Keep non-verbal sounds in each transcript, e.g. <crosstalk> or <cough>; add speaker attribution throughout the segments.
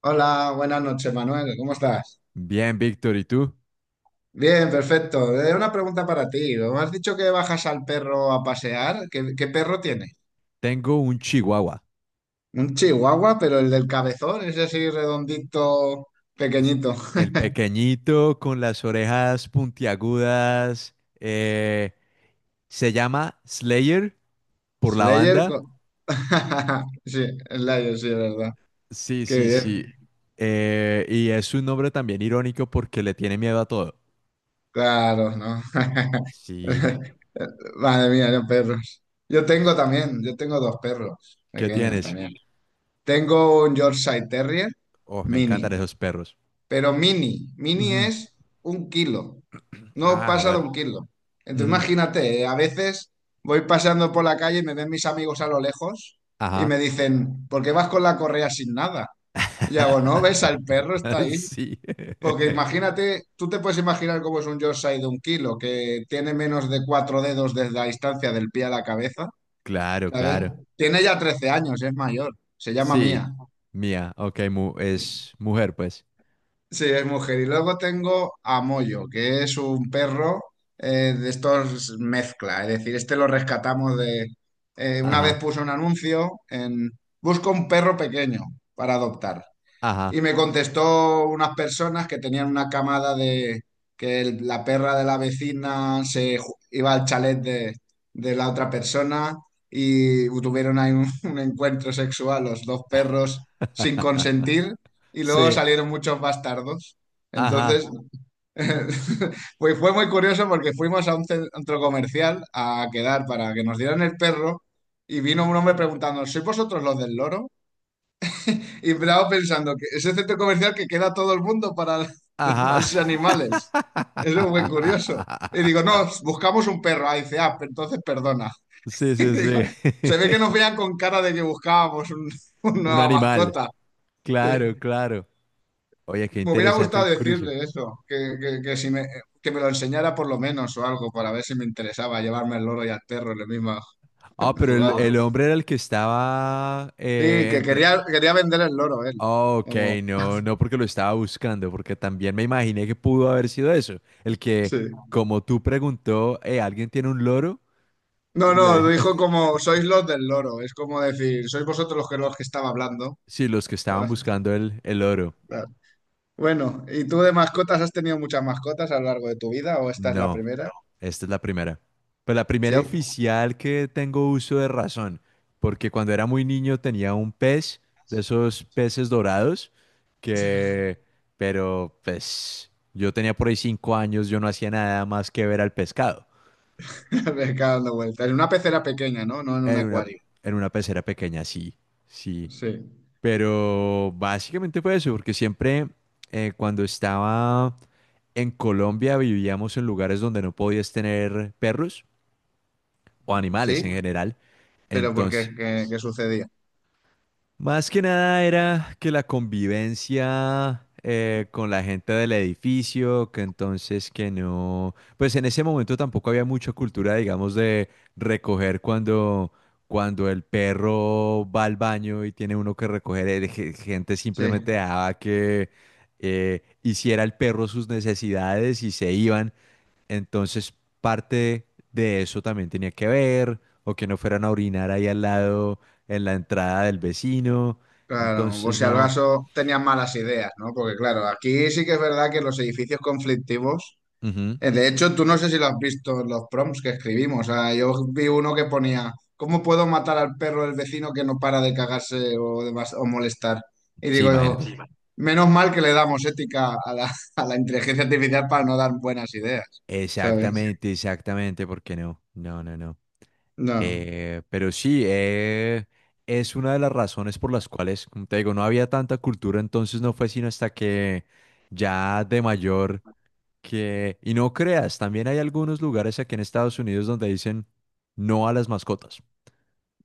Speaker 1: Hola, buenas noches, Manuel. ¿Cómo estás?
Speaker 2: Bien, Víctor, ¿y tú?
Speaker 1: Bien, perfecto. Una pregunta para ti. Me has dicho que bajas al perro a pasear. ¿Qué perro tienes?
Speaker 2: Tengo un chihuahua.
Speaker 1: Un chihuahua, pero el del cabezón, ese así redondito,
Speaker 2: Es
Speaker 1: pequeñito.
Speaker 2: el pequeñito con las orejas puntiagudas. eh, Se llama Slayer por la
Speaker 1: Slayer.
Speaker 2: banda.
Speaker 1: <laughs> Sí, Slayer, sí, es verdad.
Speaker 2: Sí,
Speaker 1: Qué
Speaker 2: sí, sí.
Speaker 1: bien.
Speaker 2: Y es un nombre también irónico porque le tiene miedo a todo.
Speaker 1: Claro, ¿no?
Speaker 2: Sí.
Speaker 1: <laughs> Madre mía, los perros. Yo tengo
Speaker 2: Sí.
Speaker 1: también, yo tengo dos perros
Speaker 2: ¿Qué
Speaker 1: pequeños
Speaker 2: tienes?
Speaker 1: también. Tengo un Yorkshire Terrier
Speaker 2: Oh, me encantan
Speaker 1: mini.
Speaker 2: esos perros.
Speaker 1: Pero mini, mini
Speaker 2: Ujú.
Speaker 1: es un kilo, no
Speaker 2: Ah,
Speaker 1: pasa de
Speaker 2: joder.
Speaker 1: un kilo. Entonces
Speaker 2: Ujú.
Speaker 1: imagínate, a veces voy paseando por la calle y me ven mis amigos a lo lejos y me
Speaker 2: Ajá.
Speaker 1: dicen, ¿por qué vas con la correa sin nada? Y hago, no, ves, el perro está
Speaker 2: <laughs>
Speaker 1: ahí.
Speaker 2: Sí.
Speaker 1: Porque
Speaker 2: <laughs>
Speaker 1: imagínate, tú te puedes imaginar cómo es un Yorkshire de un kilo, que tiene menos de 4 dedos desde la distancia del pie a la cabeza,
Speaker 2: Claro,
Speaker 1: ¿sabes?
Speaker 2: claro.
Speaker 1: Tiene ya 13 años, es mayor, se llama
Speaker 2: Sí,
Speaker 1: Mía.
Speaker 2: mía, ok, es mujer, pues.
Speaker 1: Sí, es mujer. Y luego tengo a Moyo, que es un perro de estos mezcla. Es decir, este lo rescatamos de... Una vez
Speaker 2: Ajá,
Speaker 1: puso un anuncio en... Busco un perro pequeño para adoptar.
Speaker 2: ajá.
Speaker 1: Y me contestó unas personas que tenían una camada de que la perra de la vecina se iba al chalet de la otra persona y tuvieron ahí <laughs> un encuentro sexual los dos perros sin
Speaker 2: <laughs>
Speaker 1: consentir y luego
Speaker 2: Sí,
Speaker 1: salieron muchos bastardos. Entonces,
Speaker 2: ajá,
Speaker 1: <laughs> pues fue muy curioso porque fuimos a un centro comercial a quedar para que nos dieran el perro y vino un hombre preguntando, ¿sois vosotros los del loro? Y Bravo pensando que ese centro comercial que queda todo el mundo para <laughs>
Speaker 2: ajá.
Speaker 1: darse animales. Eso es muy curioso. Y digo,
Speaker 2: <laughs>
Speaker 1: no, buscamos un perro. Ah, dice, ah, entonces perdona. <laughs>
Speaker 2: Sí,
Speaker 1: Y
Speaker 2: sí,
Speaker 1: digo,
Speaker 2: sí.
Speaker 1: se ve que nos vean
Speaker 2: <laughs>
Speaker 1: con cara de que buscábamos <laughs> una
Speaker 2: Un
Speaker 1: nueva
Speaker 2: animal,
Speaker 1: mascota. Sí.
Speaker 2: claro, claro. Oye, qué
Speaker 1: Me hubiera
Speaker 2: interesante
Speaker 1: gustado
Speaker 2: el cruce.
Speaker 1: decirle eso, que si me, que me lo enseñara por lo menos o algo, para ver si me interesaba llevarme el loro y al perro en la misma...
Speaker 2: Ah,
Speaker 1: No,
Speaker 2: pero
Speaker 1: jugada.
Speaker 2: el hombre era el que estaba
Speaker 1: Sí, que
Speaker 2: entre...
Speaker 1: quería vender el loro él.
Speaker 2: Ah, ok,
Speaker 1: Como-
Speaker 2: no, no porque lo estaba buscando, porque también me imaginé que pudo haber sido eso.
Speaker 1: sí.
Speaker 2: Como tú preguntó, ¿alguien tiene un loro?
Speaker 1: No,
Speaker 2: Y la
Speaker 1: no,
Speaker 2: era-
Speaker 1: dijo
Speaker 2: <laughs>
Speaker 1: como, sois los del loro, es como decir, sois vosotros los que, estaba hablando.
Speaker 2: Sí, los que estaban
Speaker 1: <laughs>
Speaker 2: buscando el oro.
Speaker 1: Bueno, ¿y tú de mascotas has tenido muchas mascotas a lo largo de tu vida o esta es la
Speaker 2: No,
Speaker 1: primera?
Speaker 2: esta es la primera. Pues la primera
Speaker 1: Sí,
Speaker 2: oficial que tengo uso de razón, porque cuando era muy niño tenía un pez, de esos peces dorados, que, pero pues yo tenía por ahí 5 años, yo no hacía nada más que ver al pescado.
Speaker 1: <laughs> me cago dando vueltas. En una pecera pequeña, ¿no? No en un
Speaker 2: En una,
Speaker 1: acuario.
Speaker 2: en una pecera pequeña, sí, sí.
Speaker 1: Sí,
Speaker 2: Pero básicamente fue eso, porque siempre cuando estaba en Colombia vivíamos en lugares donde no podías tener perros o animales en
Speaker 1: sí,
Speaker 2: general.
Speaker 1: pero ¿por
Speaker 2: Entonces,
Speaker 1: qué? ¿Qué sucedía?
Speaker 2: más que nada era que la convivencia con la gente del edificio, que entonces que no, pues en ese momento tampoco había mucha cultura, digamos, de recoger cuando, cuando el perro va al baño y tiene uno que recoger, el gente
Speaker 1: Sí,
Speaker 2: simplemente dejaba que hiciera el perro sus necesidades y se iban. Entonces, parte de eso también tenía que ver, o que no fueran a orinar ahí al lado, en la entrada del vecino.
Speaker 1: claro, o
Speaker 2: Entonces,
Speaker 1: si al
Speaker 2: no.
Speaker 1: caso tenían malas ideas, ¿no? Porque claro, aquí sí que es verdad que los edificios conflictivos...
Speaker 2: Ujú.
Speaker 1: De hecho, tú no sé si lo has visto en los prompts que escribimos. O sea, yo vi uno que ponía, ¿cómo puedo matar al perro del vecino que no para de cagarse o molestar? Y
Speaker 2: Sí,
Speaker 1: digo yo,
Speaker 2: imagínate.
Speaker 1: sí, man. Menos mal que le damos ética a <laughs> a la inteligencia artificial para no dar buenas ideas, ¿sabes?
Speaker 2: Exactamente, exactamente. ¿Por qué no? No, no, no.
Speaker 1: No.
Speaker 2: Pero sí, es una de las razones por las cuales, como te digo, no había tanta cultura, entonces no fue sino hasta que ya de mayor que... Y no creas, también hay algunos lugares aquí en Estados Unidos donde dicen no a las mascotas.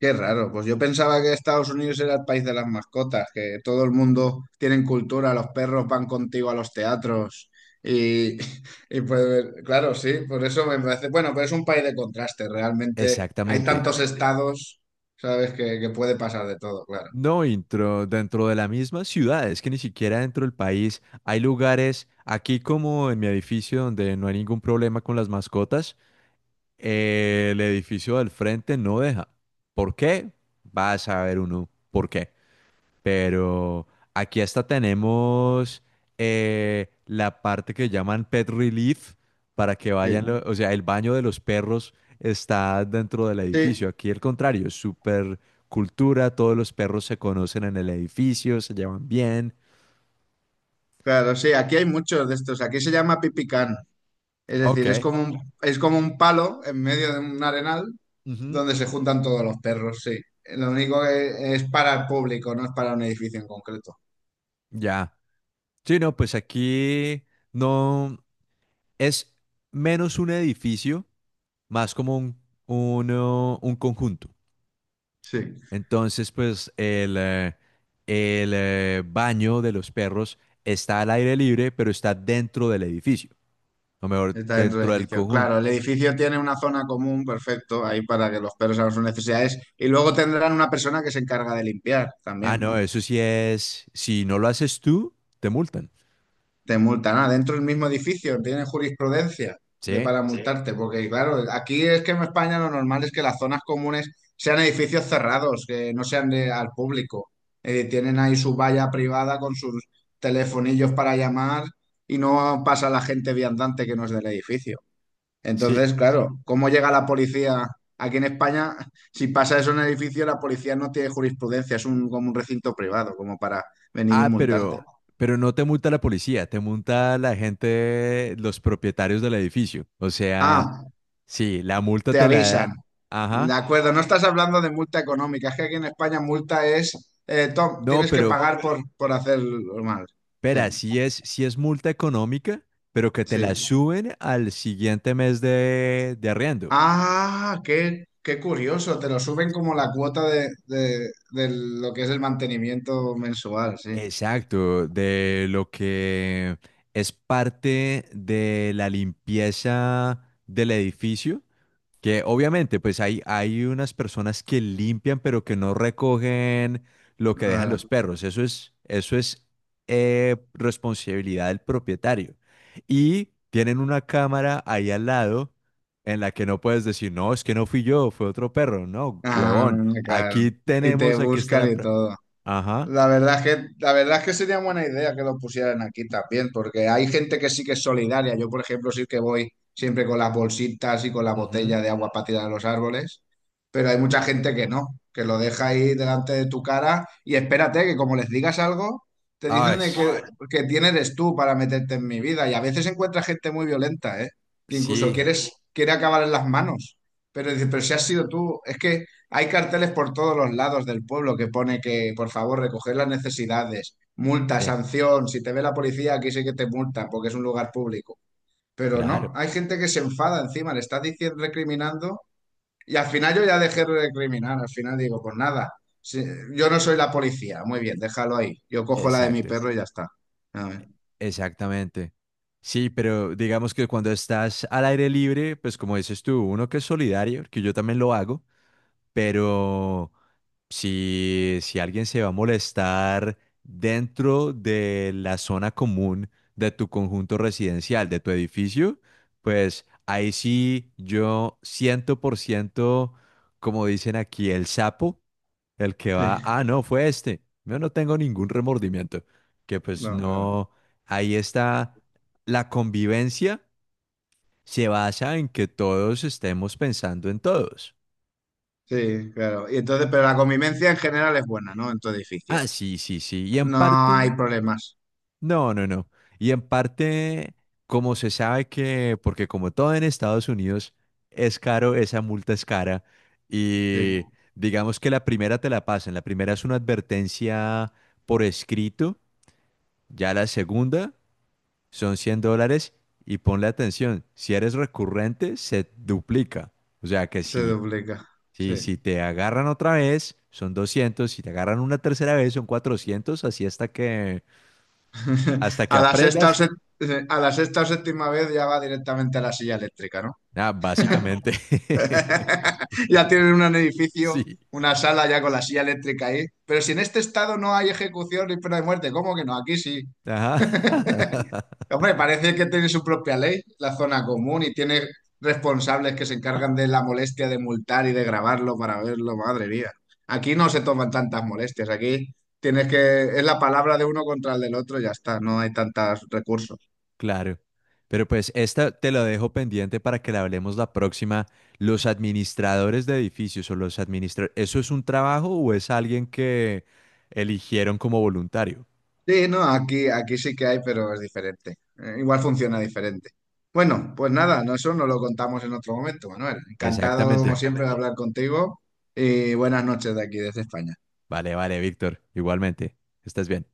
Speaker 1: Qué raro, pues yo pensaba que Estados Unidos era el país de las mascotas, que todo el mundo tiene cultura, los perros van contigo a los teatros y, <laughs> y pues claro, sí, por eso me parece, bueno, pero es un país de contraste, realmente hay
Speaker 2: Exactamente.
Speaker 1: tantos estados, sabes, que puede pasar de todo, claro.
Speaker 2: No, dentro de la misma ciudad, es que ni siquiera dentro del país hay lugares, aquí como en mi edificio donde no hay ningún problema con las mascotas, el edificio del frente no deja. ¿Por qué? Vas a ver uno. ¿Por qué? Pero aquí hasta tenemos la parte que llaman Pet Relief para que
Speaker 1: Sí,
Speaker 2: vayan, o sea, el baño de los perros está dentro del edificio.
Speaker 1: sí,
Speaker 2: Aquí el contrario, es súper cultura, todos los perros se conocen en el edificio, se llevan bien.
Speaker 1: claro, sí, aquí hay muchos de estos, aquí se llama pipicán, es
Speaker 2: Ok.
Speaker 1: decir, es como un palo en medio de un arenal
Speaker 2: Ujú.
Speaker 1: donde se juntan todos los perros, sí. Lo único que es para el público, no es para un edificio en concreto.
Speaker 2: Ya. Sí, no, pues aquí no es menos un edificio, más como un, un conjunto.
Speaker 1: Sí,
Speaker 2: Entonces, pues el baño de los perros está al aire libre, pero está dentro del edificio, o mejor,
Speaker 1: está dentro del
Speaker 2: dentro del
Speaker 1: edificio.
Speaker 2: conjunto.
Speaker 1: Claro, el edificio tiene una zona común, perfecto, ahí para que los perros hagan sus necesidades. Y luego tendrán una persona que se encarga de limpiar
Speaker 2: Ah,
Speaker 1: también,
Speaker 2: no,
Speaker 1: ¿no?
Speaker 2: eso sí es, si no lo haces tú, te multan.
Speaker 1: Te multan. Ah, dentro del mismo edificio, tienen jurisprudencia
Speaker 2: Sí,
Speaker 1: para, sí, multarte, porque claro, aquí es que en España lo normal es que las zonas comunes sean edificios cerrados, que no sean al público. Tienen ahí su valla privada con sus telefonillos para llamar y no pasa la gente viandante que no es del edificio.
Speaker 2: sí.
Speaker 1: Entonces, claro, ¿cómo llega la policía? Aquí en España, <laughs> si pasa eso en el edificio, la policía no tiene jurisprudencia, es un, como un recinto privado, como para venir y
Speaker 2: Ah,
Speaker 1: multarte.
Speaker 2: pero no te multa la policía, te multa la gente, los propietarios del edificio. O sea,
Speaker 1: Ah,
Speaker 2: sí, la multa
Speaker 1: te
Speaker 2: te la
Speaker 1: avisan.
Speaker 2: da.
Speaker 1: De
Speaker 2: Ajá.
Speaker 1: acuerdo, no estás hablando de multa económica, es que aquí en España multa es, Tom,
Speaker 2: No,
Speaker 1: tienes que
Speaker 2: pero,
Speaker 1: pagar por hacerlo mal.
Speaker 2: Espera,
Speaker 1: Sí,
Speaker 2: si es multa económica, pero que te
Speaker 1: sí.
Speaker 2: la suben al siguiente mes de arriendo.
Speaker 1: Ah, qué curioso, te lo suben como la cuota de lo que es el mantenimiento mensual, sí.
Speaker 2: Exacto, de lo que es parte de la limpieza del edificio. Que obviamente, pues hay unas personas que limpian, pero que no recogen lo que dejan los
Speaker 1: Claro.
Speaker 2: perros. Eso es responsabilidad del propietario. Y tienen una cámara ahí al lado en la que no puedes decir, no, es que no fui yo, fue otro perro. No,
Speaker 1: Ah,
Speaker 2: huevón,
Speaker 1: claro.
Speaker 2: aquí
Speaker 1: Y te
Speaker 2: tenemos, aquí está
Speaker 1: buscan
Speaker 2: la...
Speaker 1: y
Speaker 2: prueba.
Speaker 1: todo.
Speaker 2: Ajá.
Speaker 1: La verdad es que sería buena idea que lo pusieran aquí también, porque hay gente que sí que es solidaria. Yo, por ejemplo, sí que voy siempre con las bolsitas y con la
Speaker 2: Ujú.
Speaker 1: botella de agua para tirar a los árboles, pero hay mucha
Speaker 2: Sí.
Speaker 1: gente que no, que lo deja ahí delante de tu cara y espérate que como les digas algo, te dicen
Speaker 2: Ay,
Speaker 1: de que quién eres tú para meterte en mi vida. Y a veces encuentras gente muy violenta, ¿eh? Que incluso
Speaker 2: sí,
Speaker 1: quiere acabar en las manos, pero dices, pero si has sido tú, es que hay carteles por todos los lados del pueblo que pone que, por favor, recoger las necesidades, multa,
Speaker 2: sí,
Speaker 1: sanción, si te ve la policía, aquí sí que te multan porque es un lugar público. Pero no,
Speaker 2: claro.
Speaker 1: hay gente que se enfada encima, le estás diciendo, recriminando y al final yo ya dejé de recriminar, al final digo, pues nada, si- yo no soy la policía, muy bien, déjalo ahí, yo cojo la de mi
Speaker 2: Exacto.
Speaker 1: perro y ya está. A ver,
Speaker 2: Exactamente. Sí, pero digamos que cuando estás al aire libre, pues como dices tú, uno que es solidario, que yo también lo hago, pero si alguien se va a molestar dentro de la zona común de tu conjunto residencial, de tu edificio, pues ahí sí yo 100%, como dicen aquí, el sapo, el que va,
Speaker 1: sí,
Speaker 2: ah, no, fue este. Yo no tengo ningún remordimiento. Que pues
Speaker 1: no, claro.
Speaker 2: no, ahí está la convivencia, se basa en que todos estemos pensando en todos.
Speaker 1: Sí, claro. Y entonces, pero la convivencia en general es buena, ¿no? En tu edificio.
Speaker 2: Ah, sí, sí, sí. Y en
Speaker 1: No hay
Speaker 2: parte
Speaker 1: problemas.
Speaker 2: no, no, no. Y en parte, como se sabe que, porque como todo en Estados Unidos es caro, esa multa es cara.
Speaker 1: Sí,
Speaker 2: Y digamos que la primera te la pasan. La primera es una advertencia por escrito. Ya la segunda son $100. Y ponle atención, si eres recurrente, se duplica. O sea que
Speaker 1: se duplica.
Speaker 2: si
Speaker 1: Sí.
Speaker 2: te agarran otra vez, son 200. Si te agarran una tercera vez, son 400. Así
Speaker 1: <laughs>
Speaker 2: hasta que
Speaker 1: A la sexta o
Speaker 2: aprendas.
Speaker 1: set- a la sexta o séptima vez ya va directamente a la silla eléctrica, ¿no?
Speaker 2: Ah, básicamente, <laughs>
Speaker 1: <laughs> Ya tienen un edificio,
Speaker 2: sí.
Speaker 1: una sala ya con la silla eléctrica ahí. Pero si en este estado no hay ejecución ni pena de muerte, ¿cómo que no? Aquí sí.
Speaker 2: Ajá,
Speaker 1: Hombre, parece que tiene su propia ley, la zona común, y tiene responsables que se encargan de la molestia de multar y de grabarlo para verlo, madre mía. Aquí no se toman tantas molestias, aquí tienes que, es la palabra de uno contra el del otro, y ya está, no hay tantos recursos.
Speaker 2: claro. Pero pues esta te la dejo pendiente para que la hablemos la próxima. Los administradores de edificios o los administradores, ¿eso es un trabajo o es alguien que eligieron como voluntario?
Speaker 1: Sí, no, aquí sí que hay, pero es diferente. Igual funciona diferente. Bueno, pues nada, no, eso nos lo contamos en otro momento, Manuel. Encantado, como
Speaker 2: Exactamente.
Speaker 1: siempre, de Exactamente. Hablar contigo y buenas noches de aquí, desde España.
Speaker 2: Vale, vale, Víctor. Igualmente. Estás bien.